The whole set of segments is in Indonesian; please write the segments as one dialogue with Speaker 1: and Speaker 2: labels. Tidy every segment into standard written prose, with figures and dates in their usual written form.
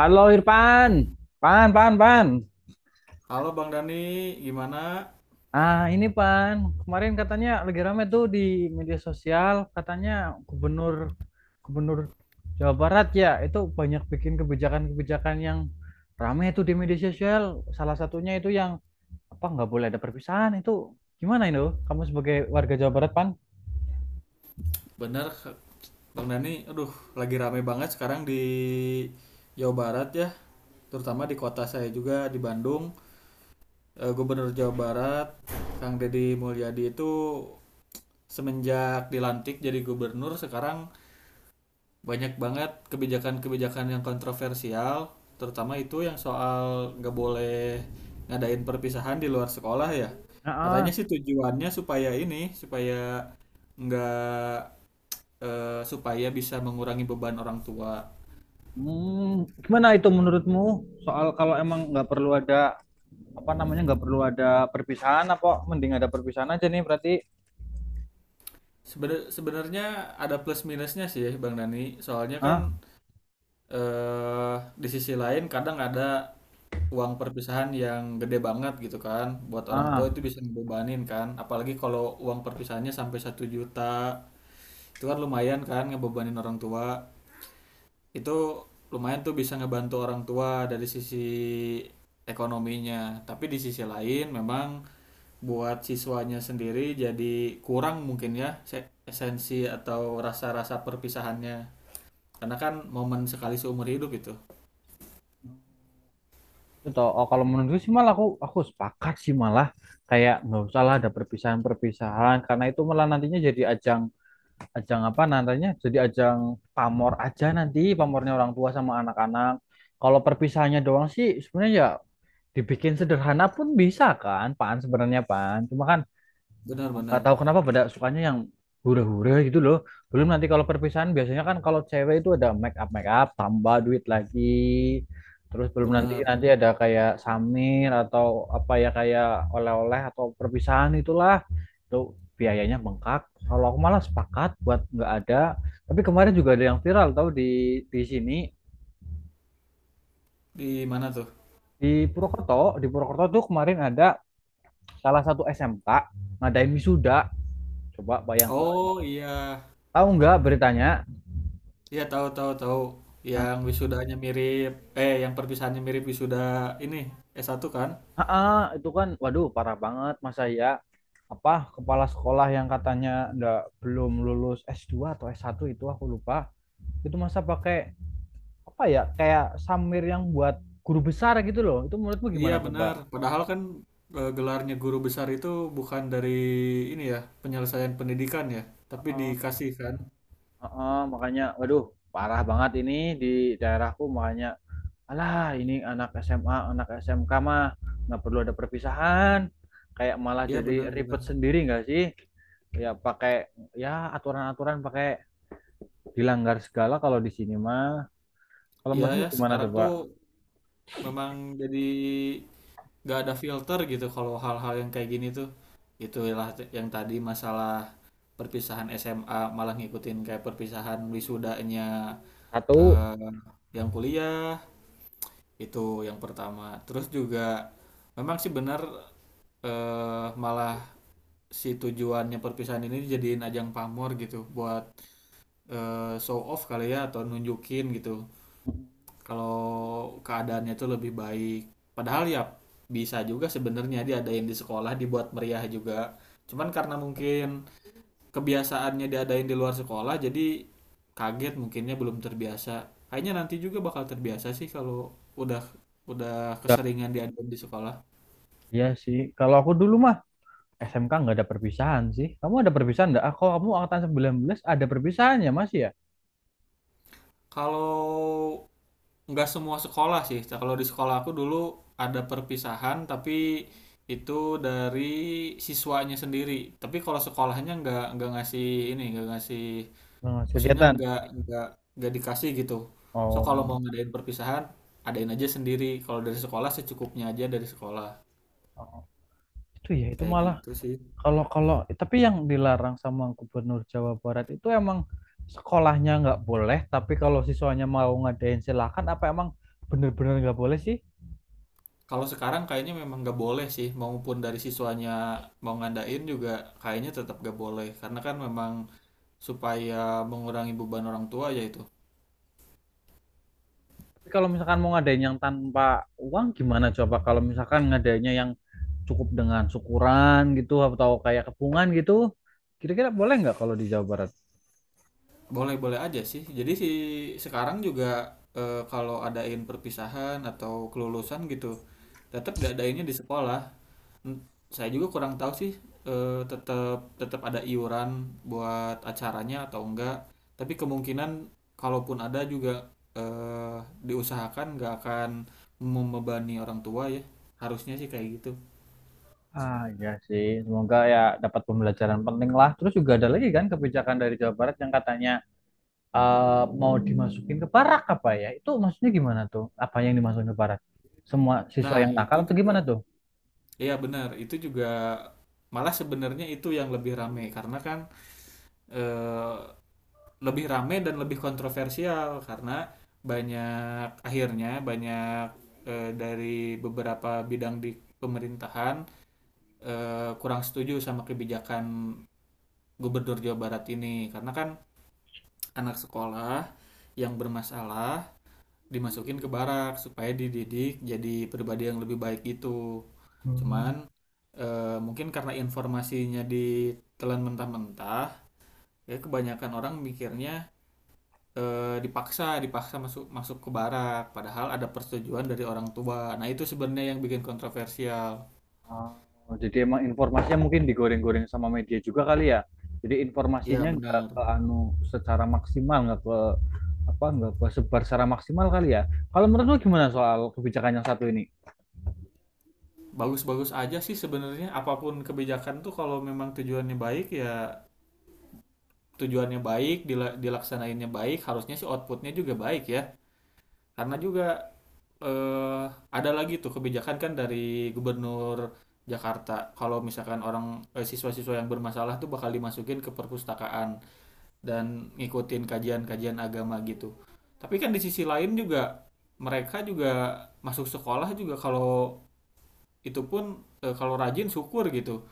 Speaker 1: Halo Irfan, Pan, Pan, Pan.
Speaker 2: Halo Bang Dani, gimana?
Speaker 1: Ah, ini Pan. Kemarin katanya lagi rame tuh di media sosial, katanya gubernur gubernur Jawa Barat ya, itu banyak bikin kebijakan-kebijakan yang rame tuh di media sosial. Salah satunya itu yang apa nggak boleh ada perpisahan itu. Gimana itu? Kamu sebagai warga Jawa Barat, Pan?
Speaker 2: Bener Bang Dani, aduh lagi rame banget sekarang di Jawa Barat ya, terutama di kota saya juga di Bandung. Gubernur Jawa Barat, Kang Deddy Mulyadi itu semenjak dilantik jadi gubernur sekarang banyak banget kebijakan-kebijakan yang kontroversial, terutama itu yang soal nggak boleh ngadain perpisahan di luar sekolah ya.
Speaker 1: Ah,
Speaker 2: Katanya
Speaker 1: ah.
Speaker 2: sih tujuannya supaya ini, supaya nggak eh, supaya bisa mengurangi beban orang tua.
Speaker 1: Hmm, gimana itu menurutmu soal kalau emang nggak perlu ada apa namanya nggak perlu ada perpisahan apa mending ada perpisahan aja nih berarti
Speaker 2: Sebenarnya ada plus minusnya sih Bang Dani. Soalnya kan
Speaker 1: ah
Speaker 2: eh di sisi lain kadang ada uang perpisahan yang gede banget gitu kan. Buat orang tua
Speaker 1: ah
Speaker 2: itu bisa ngebebanin kan. Apalagi kalau uang perpisahannya sampai satu juta. Itu kan lumayan kan ngebebanin orang tua. Itu lumayan tuh bisa ngebantu orang tua dari sisi ekonominya. Tapi di sisi lain memang buat siswanya sendiri jadi kurang mungkin ya esensi atau rasa-rasa perpisahannya karena kan momen sekali seumur hidup itu
Speaker 1: itu toh oh, kalau menurutku sih malah aku sepakat sih malah kayak nggak usah lah ada perpisahan-perpisahan karena itu malah nantinya jadi ajang ajang apa nantinya jadi ajang pamor aja nanti pamornya orang tua sama anak-anak kalau perpisahannya doang sih sebenarnya ya dibikin sederhana pun bisa kan pan sebenarnya pan cuma kan nggak
Speaker 2: benar-benar
Speaker 1: tahu kenapa pada sukanya yang hura-hura gitu loh. Belum nanti kalau perpisahan biasanya kan kalau cewek itu ada make up tambah duit lagi. Terus belum nanti
Speaker 2: benar Benar.
Speaker 1: nanti ada kayak samir atau apa ya kayak oleh-oleh atau perpisahan itulah. Itu biayanya bengkak. Kalau aku malah sepakat buat nggak ada. Tapi kemarin juga ada yang viral tau di sini
Speaker 2: Di mana tuh?
Speaker 1: di Purwokerto tuh kemarin ada salah satu SMK ngadain wisuda. Coba bayangkan.
Speaker 2: Oh iya,
Speaker 1: Tahu nggak beritanya?
Speaker 2: iya, tahu, tahu, tahu, yang wisudanya mirip, yang perpisahannya mirip wisuda ini, s satu kan.
Speaker 1: Heeh, itu kan waduh parah banget masa ya apa kepala sekolah yang katanya ndak belum lulus S2 atau S1 itu aku lupa. Itu masa pakai apa ya kayak samir yang buat guru besar gitu loh. Itu menurutmu
Speaker 2: Iya
Speaker 1: gimana coba?
Speaker 2: benar, padahal kan, gelarnya guru besar itu bukan dari ini ya, penyelesaian pendidikan ya, tapi
Speaker 1: Heeh,
Speaker 2: dikasih kan.
Speaker 1: heeh, makanya waduh parah banget ini di daerahku makanya alah ini anak SMA, anak SMK mah nggak perlu ada perpisahan. Kayak malah
Speaker 2: Iya
Speaker 1: jadi
Speaker 2: benar,
Speaker 1: ribet
Speaker 2: benar.
Speaker 1: sendiri nggak sih? Ya pakai ya aturan-aturan pakai dilanggar segala kalau di sini mah. Kalau
Speaker 2: Iya
Speaker 1: menurutmu
Speaker 2: ya,
Speaker 1: gimana
Speaker 2: sekarang
Speaker 1: coba?
Speaker 2: tuh memang jadi nggak ada filter gitu kalau hal-hal yang kayak gini tuh. Itulah yang tadi masalah perpisahan SMA malah ngikutin kayak perpisahan wisudanya,
Speaker 1: Satu,
Speaker 2: eh, yang kuliah, itu yang pertama. Terus juga memang sih benar, malah si tujuannya perpisahan ini dijadiin ajang pamor gitu buat, show off kali ya atau nunjukin gitu kalau keadaannya itu lebih baik, padahal ya bisa juga sebenarnya diadain di sekolah dibuat meriah juga, cuman karena mungkin kebiasaannya diadain di luar sekolah jadi kaget mungkinnya belum terbiasa, kayaknya nanti juga bakal terbiasa sih kalau udah udah
Speaker 1: udah.
Speaker 2: keseringan diadain di sekolah.
Speaker 1: Iya sih. Kalau aku dulu mah SMK nggak ada perpisahan sih. Kamu ada perpisahan nggak? Ah, kalau kamu angkatan 19 ada perpisahannya masih ya?
Speaker 2: Kalau nggak semua sekolah sih. Nah, kalau di sekolah aku dulu ada perpisahan, tapi itu dari siswanya sendiri. Tapi kalau sekolahnya nggak ngasih ini, nggak ngasih,
Speaker 1: Mas,
Speaker 2: maksudnya
Speaker 1: kegiatan.
Speaker 2: nggak dikasih gitu. So
Speaker 1: Oh,
Speaker 2: kalau mau ngadain perpisahan, adain aja sendiri. Kalau dari sekolah secukupnya aja dari sekolah.
Speaker 1: oh, itu ya itu
Speaker 2: Kayak
Speaker 1: malah
Speaker 2: gitu sih.
Speaker 1: kalau kalau tapi yang dilarang sama Gubernur Jawa Barat itu emang sekolahnya nggak boleh, tapi kalau siswanya mau ngadain silakan apa emang bener-bener nggak boleh sih?
Speaker 2: Kalau sekarang kayaknya memang nggak boleh sih, maupun dari siswanya mau ngadain juga kayaknya tetap nggak boleh, karena kan memang supaya mengurangi beban orang tua ya itu.
Speaker 1: Tapi kalau misalkan mau ngadain yang tanpa uang gimana coba kalau misalkan ngadainnya yang cukup dengan syukuran gitu atau kayak kepungan gitu kira-kira boleh nggak kalau di Jawa Barat?
Speaker 2: Boleh-boleh aja sih. Jadi si sekarang juga, kalau adain perpisahan atau kelulusan gitu, tetap diadainnya di sekolah. Hmm, saya juga kurang tahu sih, tetap tetap ada iuran buat acaranya atau enggak. Tapi kemungkinan kalaupun ada juga, eh, diusahakan nggak akan membebani orang tua ya. Harusnya sih kayak gitu.
Speaker 1: Ah ya sih semoga ya dapat pembelajaran penting lah terus juga ada lagi kan kebijakan dari Jawa Barat yang katanya mau dimasukin ke barak apa ya itu maksudnya gimana tuh apa yang dimasukin ke barak semua siswa
Speaker 2: Nah,
Speaker 1: yang
Speaker 2: itu
Speaker 1: nakal atau
Speaker 2: juga
Speaker 1: gimana tuh?
Speaker 2: iya benar, itu juga malah sebenarnya itu yang lebih rame karena kan, eh, lebih rame dan lebih kontroversial karena banyak akhirnya banyak, dari beberapa bidang di pemerintahan kurang setuju sama kebijakan gubernur Jawa Barat ini karena kan anak sekolah yang bermasalah dimasukin ke barak supaya dididik jadi pribadi yang lebih baik itu, cuman
Speaker 1: Hmm.
Speaker 2: mungkin karena informasinya ditelan mentah-mentah ya kebanyakan orang mikirnya, dipaksa dipaksa masuk masuk ke barak padahal ada persetujuan dari orang tua, nah itu sebenarnya yang bikin kontroversial.
Speaker 1: Oh, jadi emang informasinya mungkin digoreng-goreng sama media juga kali ya. Jadi
Speaker 2: Ya
Speaker 1: informasinya nggak ke
Speaker 2: benar.
Speaker 1: anu secara maksimal, nggak ke apa, nggak ke sebar secara maksimal kali ya. Kalau menurut lu gimana soal kebijakan yang satu ini?
Speaker 2: Bagus-bagus aja sih sebenarnya, apapun kebijakan tuh kalau memang tujuannya baik ya, tujuannya baik, dilaksanainnya baik, harusnya sih outputnya juga baik ya, karena juga eh, ada lagi tuh kebijakan kan dari gubernur Jakarta kalau misalkan orang, siswa-siswa yang bermasalah tuh bakal dimasukin ke perpustakaan dan ngikutin kajian-kajian agama gitu. Tapi kan di sisi lain juga mereka juga masuk sekolah juga kalau itu pun, kalau rajin syukur gitu.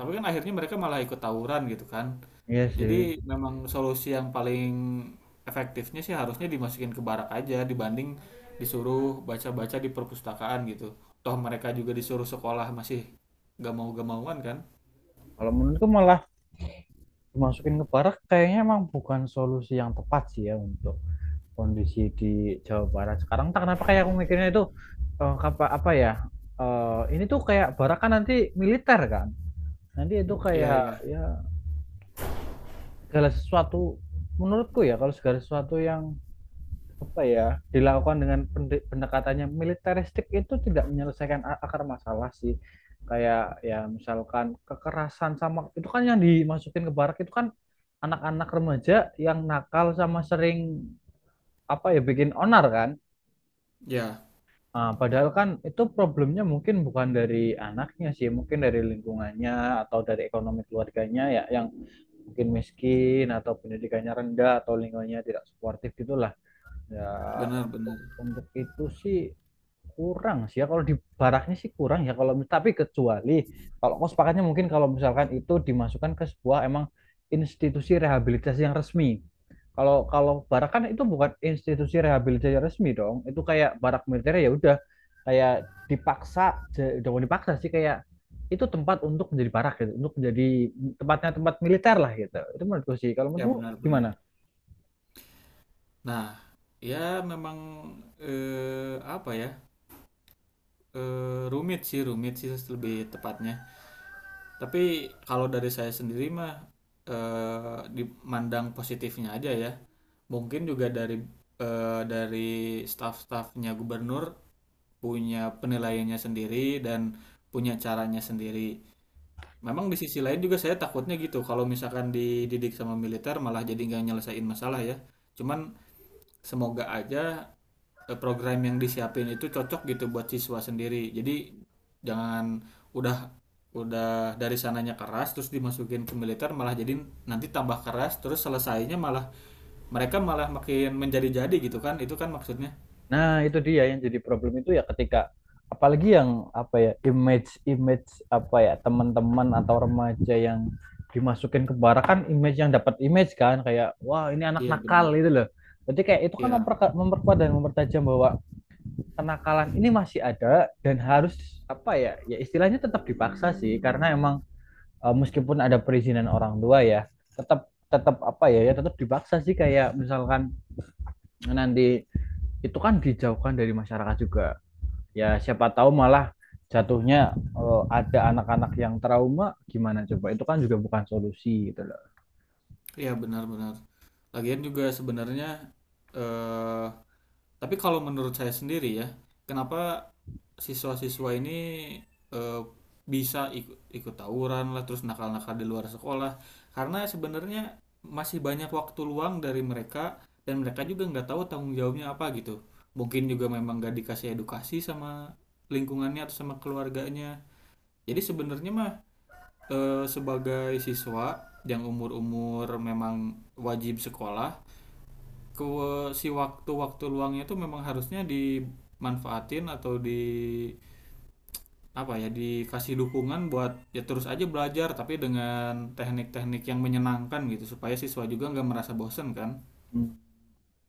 Speaker 2: Tapi kan akhirnya mereka malah ikut tawuran gitu kan.
Speaker 1: Iya
Speaker 2: Jadi
Speaker 1: sih.
Speaker 2: memang solusi yang paling efektifnya sih harusnya dimasukin ke barak aja dibanding disuruh baca-baca di perpustakaan gitu. Toh mereka juga disuruh sekolah masih gak mau-gak mauan kan?
Speaker 1: Kalau menurutku malah dimasukin ke barak kayaknya emang bukan solusi yang tepat sih ya untuk kondisi di Jawa Barat sekarang. Tak kenapa kayak aku mikirnya itu apa, apa ya? Ini tuh kayak barak kan nanti militer kan. Nanti itu
Speaker 2: Iya,
Speaker 1: kayak
Speaker 2: iya.
Speaker 1: ya segala sesuatu menurutku ya kalau segala sesuatu yang apa ya dilakukan dengan pendekatannya militeristik itu tidak menyelesaikan akar masalah sih kayak ya misalkan kekerasan sama itu kan yang dimasukin ke barak itu kan anak-anak remaja yang nakal sama sering apa ya bikin onar kan.
Speaker 2: Ya,
Speaker 1: Ah, padahal kan itu problemnya mungkin bukan dari anaknya sih mungkin dari lingkungannya atau dari ekonomi keluarganya ya yang mungkin miskin atau pendidikannya rendah atau lingkungannya tidak suportif gitulah ya
Speaker 2: benar, benar.
Speaker 1: untuk itu sih kurang sih ya kalau di baraknya sih kurang ya kalau tapi kecuali kalau kau sepakatnya mungkin kalau misalkan itu dimasukkan ke sebuah emang institusi rehabilitasi yang resmi. Kalau kalau barak kan itu bukan institusi rehabilitasi yang resmi dong. Itu kayak barak militer ya udah kayak dipaksa jangan dipaksa sih kayak itu tempat untuk menjadi barak gitu, untuk menjadi tempatnya tempat militer lah gitu. Itu menurutku sih. Kalau
Speaker 2: Ya
Speaker 1: menurutku
Speaker 2: benar, benar.
Speaker 1: gimana?
Speaker 2: Nah, ya memang, eh, apa ya? Rumit sih lebih tepatnya. Tapi kalau dari saya sendiri mah, dimandang positifnya aja ya. Mungkin juga dari, dari staf-stafnya gubernur punya penilaiannya sendiri dan punya caranya sendiri. Memang di sisi lain juga saya takutnya gitu kalau misalkan dididik sama militer malah jadi nggak nyelesain masalah ya. Cuman semoga aja, program yang disiapin itu cocok gitu buat siswa sendiri. Jadi jangan udah udah dari sananya keras terus dimasukin ke militer malah jadi nanti tambah keras terus selesainya malah mereka malah makin menjadi-jadi gitu kan. Itu kan maksudnya.
Speaker 1: Nah, itu dia yang jadi problem itu ya ketika apalagi yang apa ya image image apa ya teman-teman atau remaja yang dimasukin ke barak kan image yang dapat image kan kayak wah ini anak
Speaker 2: Iya
Speaker 1: nakal
Speaker 2: benar.
Speaker 1: itu loh. Jadi kayak itu kan
Speaker 2: Iya.
Speaker 1: memperkuat dan mempertajam bahwa kenakalan ini masih ada dan harus apa ya ya istilahnya tetap dipaksa sih karena emang meskipun ada perizinan orang tua ya tetap tetap apa ya ya tetap dipaksa sih kayak misalkan nanti itu kan dijauhkan dari masyarakat juga ya siapa tahu malah jatuhnya ada anak-anak yang trauma gimana coba itu kan juga bukan solusi gitu loh.
Speaker 2: Iya benar-benar. Lagian juga sebenarnya eh tapi kalau menurut saya sendiri ya, kenapa siswa-siswa ini, eh, bisa ikut ikut tawuran lah terus nakal-nakal di luar sekolah karena sebenarnya masih banyak waktu luang dari mereka dan mereka juga nggak tahu tanggung jawabnya apa gitu, mungkin juga memang nggak dikasih edukasi sama lingkungannya atau sama keluarganya. Jadi sebenarnya mah, sebagai siswa yang umur-umur memang wajib sekolah ke si waktu-waktu luangnya itu memang harusnya dimanfaatin atau di apa ya dikasih dukungan buat ya terus aja belajar tapi dengan teknik-teknik yang menyenangkan gitu supaya siswa juga nggak merasa bosen kan
Speaker 1: Hmm.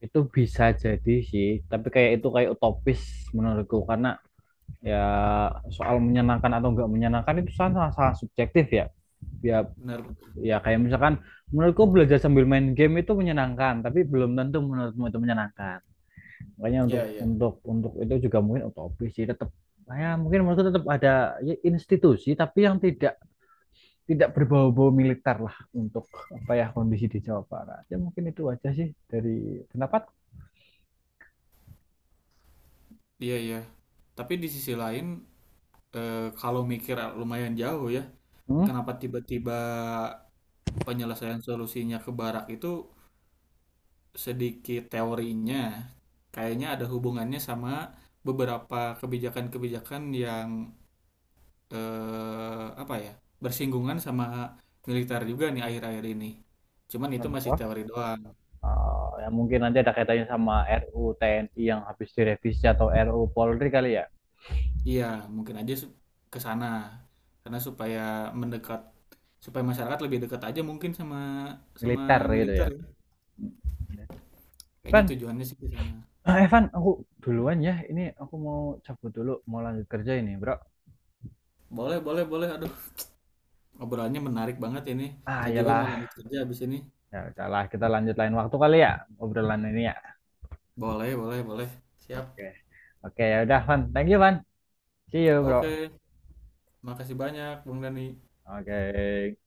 Speaker 1: Itu bisa jadi sih tapi kayak itu kayak utopis menurutku karena ya soal menyenangkan atau nggak menyenangkan itu sangat sangat subjektif ya ya
Speaker 2: benar.
Speaker 1: ya kayak misalkan menurutku belajar sambil main game itu menyenangkan tapi belum tentu menurutmu itu menyenangkan makanya untuk
Speaker 2: Iya, iya.
Speaker 1: untuk untuk itu juga mungkin utopis sih tetap ya mungkin menurutku tetap ada ya, institusi tapi yang tidak tidak berbau-bau militer lah untuk apa ya kondisi di Jawa Barat. Ya mungkin itu aja sih dari pendapat.
Speaker 2: Iya, iya, tapi di sisi lain, kalau mikir lumayan jauh ya,
Speaker 1: Hmm?
Speaker 2: kenapa tiba-tiba penyelesaian solusinya ke barak itu, sedikit teorinya kayaknya ada hubungannya sama beberapa kebijakan-kebijakan yang, eh, apa ya bersinggungan sama militer juga nih akhir-akhir ini. Cuman itu masih
Speaker 1: Contoh
Speaker 2: teori doang.
Speaker 1: ya mungkin nanti ada kaitannya sama RU TNI yang habis direvisi atau RU Polri kali ya
Speaker 2: Iya, mungkin aja ke sana. Karena supaya mendekat, supaya masyarakat lebih dekat aja mungkin sama sama
Speaker 1: militer gitu
Speaker 2: militer
Speaker 1: ya.
Speaker 2: ya. Kayaknya
Speaker 1: Evan,
Speaker 2: tujuannya sih ke sana.
Speaker 1: ah, Evan, aku duluan ya. Ini aku mau cabut dulu, mau lanjut kerja ini, bro.
Speaker 2: Boleh, boleh, boleh. Aduh, obrolannya menarik banget ini.
Speaker 1: Ah,
Speaker 2: Saya juga mau
Speaker 1: iyalah.
Speaker 2: lanjut kerja habis ini.
Speaker 1: Ya udahlah, kita lanjut lain waktu kali ya obrolan ini ya.
Speaker 2: Boleh, boleh, boleh.
Speaker 1: Oke.
Speaker 2: Siap.
Speaker 1: Okay. Oke, okay, ya udah, Van. Thank you, Van. See you, bro.
Speaker 2: Oke, makasih banyak, Bung Dani.
Speaker 1: Oke. Okay.